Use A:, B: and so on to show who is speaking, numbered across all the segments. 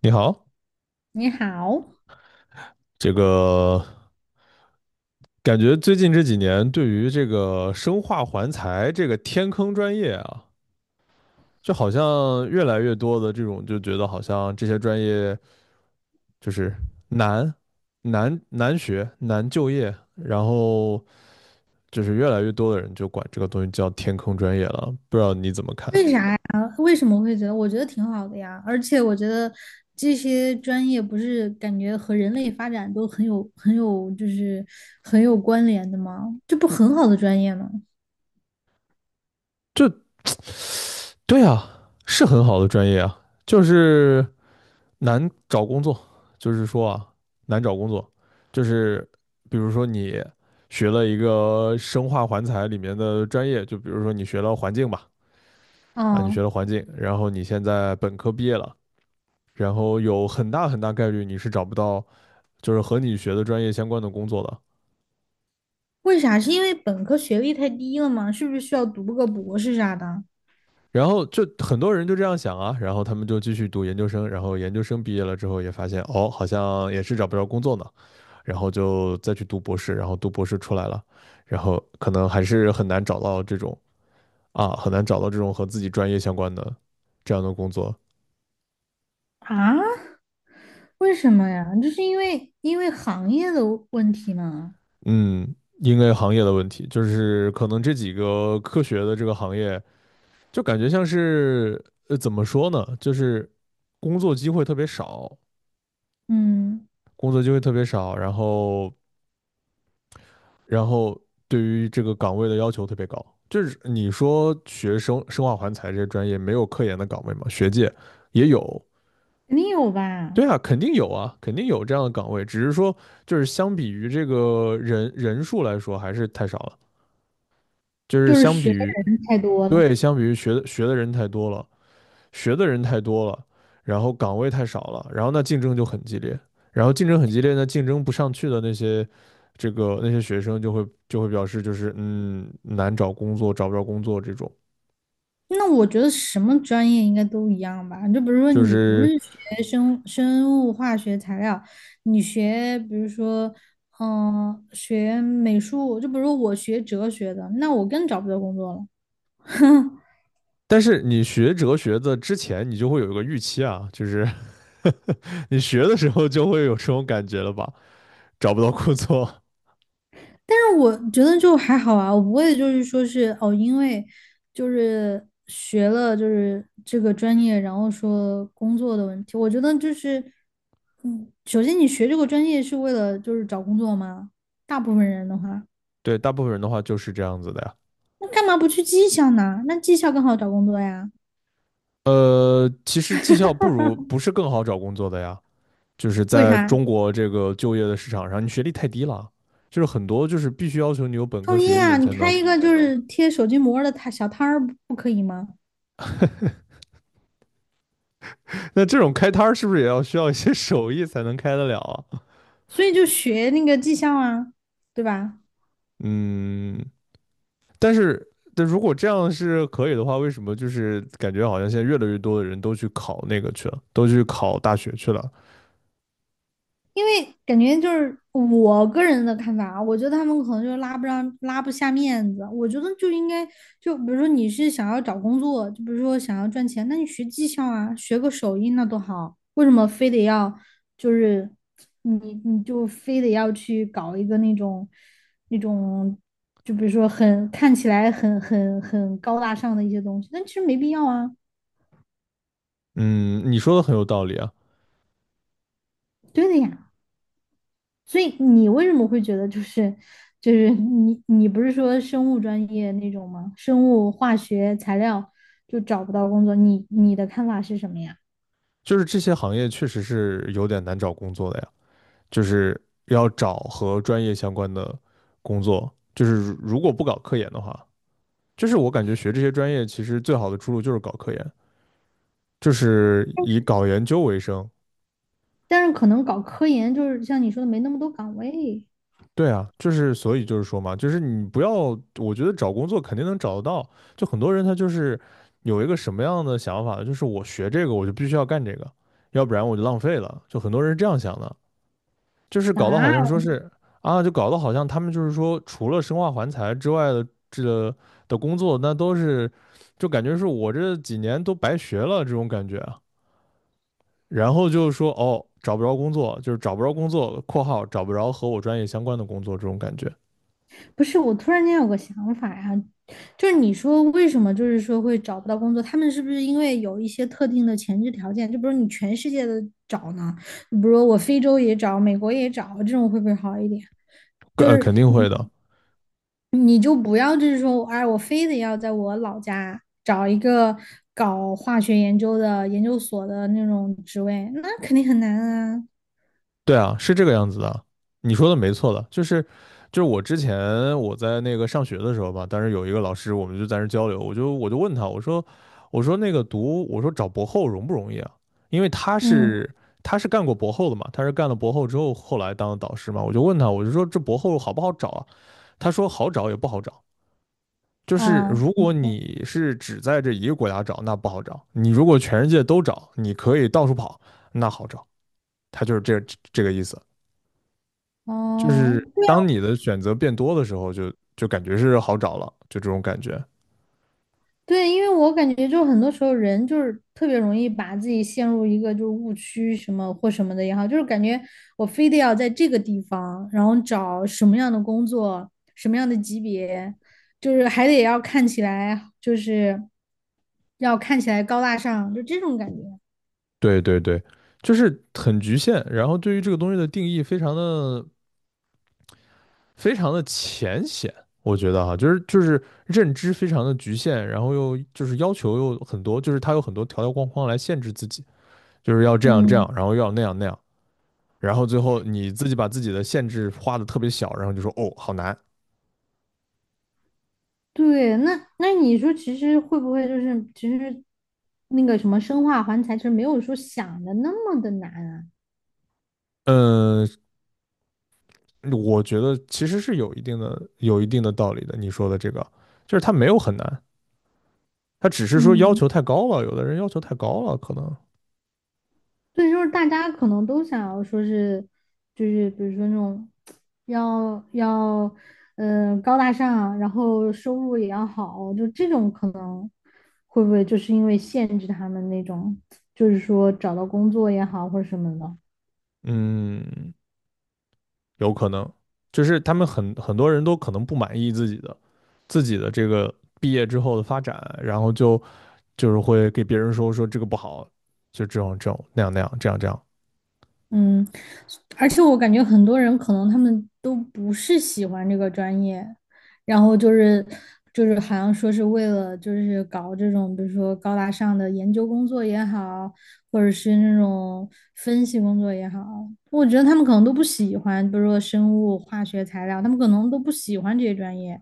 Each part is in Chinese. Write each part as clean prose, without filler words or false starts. A: 你好，
B: 你好，
A: 这个感觉最近这几年对于这个生化环材这个天坑专业啊，就好像越来越多的这种就觉得好像这些专业就是难难学难就业，然后就是越来越多的人就管这个东西叫天坑专业了，不知道你怎么看？
B: 为啥呀？为什么会觉得？我觉得挺好的呀，而且我觉得这些专业不是感觉和人类发展都很有、很有，很有关联的吗？这不很好的专业吗？
A: 就对啊，是很好的专业啊，就是。难找工作，就是说啊，难找工作，就是比如说你学了一个生化环材里面的专业，就比如说你学了环境吧，啊，你
B: 啊，
A: 学了环境，然后你现在本科毕业了，然后有很大很大概率你是找不到就是和你学的专业相关的工作的。
B: 为啥？是因为本科学历太低了吗？是不是需要读个博士啥的？
A: 然后就很多人就这样想啊，然后他们就继续读研究生，然后研究生毕业了之后也发现，哦，好像也是找不着工作呢，然后就再去读博士，然后读博士出来了，然后可能还是很难找到这种啊，很难找到这种和自己专业相关的这样的工作。
B: 啊，为什么呀？就是因为行业的问题嘛。
A: 嗯，因为行业的问题，就是可能这几个科学的这个行业，就感觉像是怎么说呢，就是工作机会特别少，
B: 嗯，
A: 工作机会特别少，然后对于这个岗位的要求特别高。就是你说学生生化环材这些专业没有科研的岗位吗？学界也有，
B: 肯定有吧？
A: 对啊，肯定有啊，肯定有这样的岗位，只是说就是相比于这个人人数来说还是太少了，就是
B: 就是
A: 相比
B: 学的
A: 于
B: 人太多了。
A: 对，相比于学的人太多了，学的人太多了，然后岗位太少了，然后那竞争就很激烈，然后竞争很激烈那竞争不上去的那些这个那些学生就会表示就是嗯难找工作，找不着工作这种，
B: 那我觉得什么专业应该都一样吧。就比如说，
A: 就
B: 你不是
A: 是
B: 学生生物化学材料，你学比如说，嗯、学美术，就比如说我学哲学的，那我更找不到工作了。
A: 但是你学哲学的之前，你就会有一个预期啊，就是 你学的时候就会有这种感觉了吧？找不到工作，
B: 但是我觉得就还好啊，我不会就是说是哦，因为就是学了就是这个专业，然后说工作的问题。我觉得就是，嗯，首先你学这个专业是为了就是找工作吗？大部分人的话。
A: 对，大部分人的话就是这样子的呀。
B: 那干嘛不去技校呢？那技校更好找工作呀？
A: 其实技校不如不是更好找工作的呀，就是
B: 为
A: 在
B: 啥？
A: 中国这个就业的市场上，你学历太低了，就是很多就是必须要求你有本科
B: 创
A: 学
B: 业
A: 历
B: 啊，
A: 你
B: 你
A: 才
B: 开
A: 能。
B: 一个就是贴手机膜儿的摊小摊儿不可以吗？
A: 那这种开摊儿是不是也要需要一些手艺才能开得了啊？
B: 所以就学那个技校啊，对吧？
A: 嗯，但是，但如果这样是可以的话，为什么就是感觉好像现在越来越多的人都去考那个去了，都去考大学去了？
B: 因为感觉就是我个人的看法啊，我觉得他们可能就拉不上、拉不下面子。我觉得就应该，就比如说你是想要找工作，就比如说想要赚钱，那你学技校啊，学个手艺那多好。为什么非得要就是你你就非得要去搞一个那种那种，就比如说很看起来很高大上的一些东西，但其实没必要啊。
A: 嗯，你说的很有道理啊，
B: 对的呀。所以你为什么会觉得就是就是你不是说生物专业那种吗？生物化学材料就找不到工作，你的看法是什么呀？
A: 就是这些行业确实是有点难找工作的呀，就是要找和专业相关的工作，就是如果不搞科研的话，就是我感觉学这些专业其实最好的出路就是搞科研，就是以搞研究为生，
B: 但是可能搞科研就是像你说的没那么多岗位
A: 对啊，就是所以就是说嘛，就是你不要，我觉得找工作肯定能找得到。就很多人他就是有一个什么样的想法呢？就是我学这个我就必须要干这个，要不然我就浪费了。就很多人是这样想的，就是搞得好像
B: 啊。
A: 说是啊，就搞得好像他们就是说除了生化环材之外的这个的工作，那都是就感觉是我这几年都白学了这种感觉啊。然后就是说哦，找不着工作，就是找不着工作（括号找不着和我专业相关的工作）这种感觉。
B: 不是，我突然间有个想法呀、就是你说为什么就是说会找不到工作？他们是不是因为有一些特定的前置条件？就比如你全世界的找呢？比如我非洲也找，美国也找，这种会不会好一点？就是
A: 肯定会的，
B: 你就不要就是说，哎，我非得要在我老家找一个搞化学研究的研究所的那种职位，那肯定很难啊。
A: 对啊，是这个样子的，你说的没错的，就是就是我之前我在那个上学的时候吧，当时有一个老师，我们就在那儿交流，我就问他，我说我说那个读我说找博后容不容易啊？因为他
B: 嗯
A: 是他是干过博后的嘛，他是干了博后之后后来当的导师嘛，我就问他，我就说这博后好不好找啊？他说好找也不好找，就是
B: 啊，
A: 如
B: 你
A: 果
B: 说
A: 你是只在这一个国家找，那不好找；你如果全世界都找，你可以到处跑，那好找。它就是这这个意思，就
B: 哦，
A: 是当你的选择变多的时候就，就感觉是好找了，就这种感觉。
B: 对，因为我感觉就很多时候人就是特别容易把自己陷入一个就是误区什么或什么的也好，就是感觉我非得要在这个地方，然后找什么样的工作，什么样的级别，就是还得要看起来就是要看起来高大上，就这种感觉。
A: 对对对，就是很局限，然后对于这个东西的定义非常的浅显，我觉得哈，就是就是认知非常的局限，然后又就是要求又很多，就是它有很多条条框框来限制自己，就是要这样这
B: 嗯，
A: 样，然后要那样那样，然后最后你自己把自己的限制画的特别小，然后就说哦好难，
B: 对，那你说其实会不会就是其实那个什么生化环材，其实没有说想的那么的难啊？
A: 嗯，我觉得其实是有一定的道理的。你说的这个，就是他没有很难，他只是说要
B: 嗯
A: 求太高了，有的人要求太高了，可能，
B: 对，就是大家可能都想要说是，就是比如说那种要，嗯，高大上，然后收入也要好，就这种可能会不会就是因为限制他们那种，就是说找到工作也好或者什么的。
A: 嗯，有可能，就是他们很多人都可能不满意自己的自己的这个毕业之后的发展，然后就就是会给别人说说这个不好，就这种这种那样那样这样这样，
B: 嗯，而且我感觉很多人可能他们都不是喜欢这个专业，然后就是就是好像说是为了就是搞这种，比如说高大上的研究工作也好，或者是那种分析工作也好，我觉得他们可能都不喜欢，比如说生物、化学、材料，他们可能都不喜欢这些专业，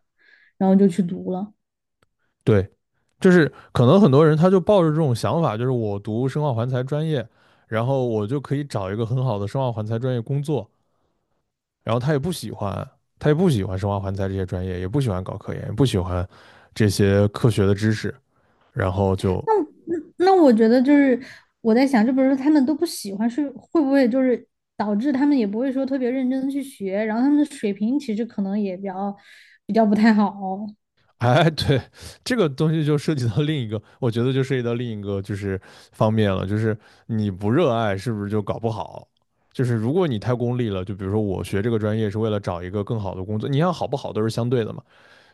B: 然后就去读了。
A: 对，就是可能很多人他就抱着这种想法，就是我读生化环材专业。然后我就可以找一个很好的生化环材专业工作，然后他也不喜欢，他也不喜欢生化环材这些专业，也不喜欢搞科研，也不喜欢这些科学的知识，然后就。
B: 那我觉得就是我在想，就比如说他们都不喜欢，是会不会就是导致他们也不会说特别认真的去学，然后他们的水平其实可能也比较比较不太好。
A: 哎，对，这个东西就涉及到另一个，我觉得就涉及到另一个就是方面了，就是你不热爱是不是就搞不好？就是如果你太功利了，就比如说我学这个专业是为了找一个更好的工作，你想好不好都是相对的嘛。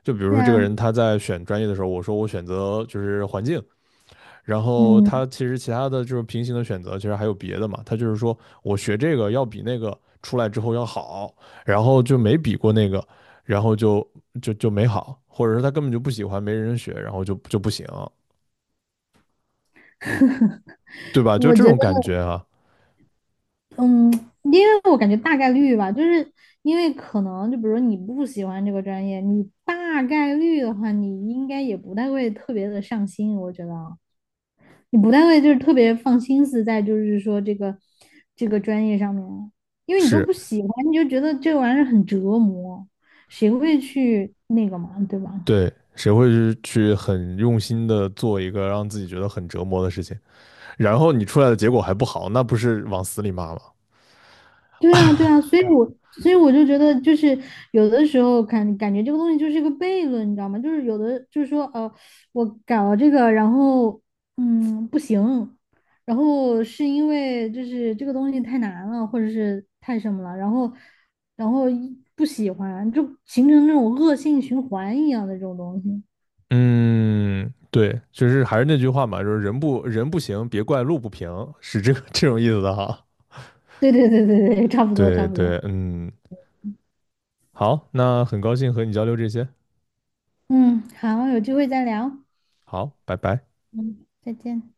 A: 就比如
B: 对
A: 说这个
B: 啊，
A: 人他在选专业的时候，我说我选择就是环境，然后他
B: 嗯，
A: 其实其他的就是平行的选择，其实还有别的嘛。他就是说我学这个要比那个出来之后要好，然后就没比过那个，然后就就没好，或者是他根本就不喜欢，没人学，然后就就不行，对吧？就
B: 我
A: 这
B: 觉得，
A: 种感觉啊，
B: 嗯，因为我感觉大概率吧，就是因为可能就比如你不喜欢这个专业，你大概率的话，你应该也不太会特别的上心，我觉得啊。你不太会就是特别放心思在就是说这个这个专业上面，因为你都
A: 是
B: 不喜欢，你就觉得这玩意儿很折磨，谁会去那个嘛，对吧？
A: 对。谁会去去很用心的做一个让自己觉得很折磨的事情，然后你出来的结果还不好，那不是往死里骂吗？
B: 对啊，对啊，所以我就觉得，就是有的时候感感觉这个东西就是一个悖论，你知道吗？就是有的就是说，我搞了这个，然后嗯不行，然后是因为就是这个东西太难了，或者是太什么了，然后一不喜欢，就形成那种恶性循环一样的这种东西。
A: 嗯，对，就是还是那句话嘛，就是人不行，别怪路不平，是这个 这种意思的哈。
B: 对对对对对，差不多差
A: 对
B: 不多。
A: 对，嗯，好，那很高兴和你交流这些，
B: 嗯，好，有机会再聊。
A: 好，拜拜。
B: 嗯，再见。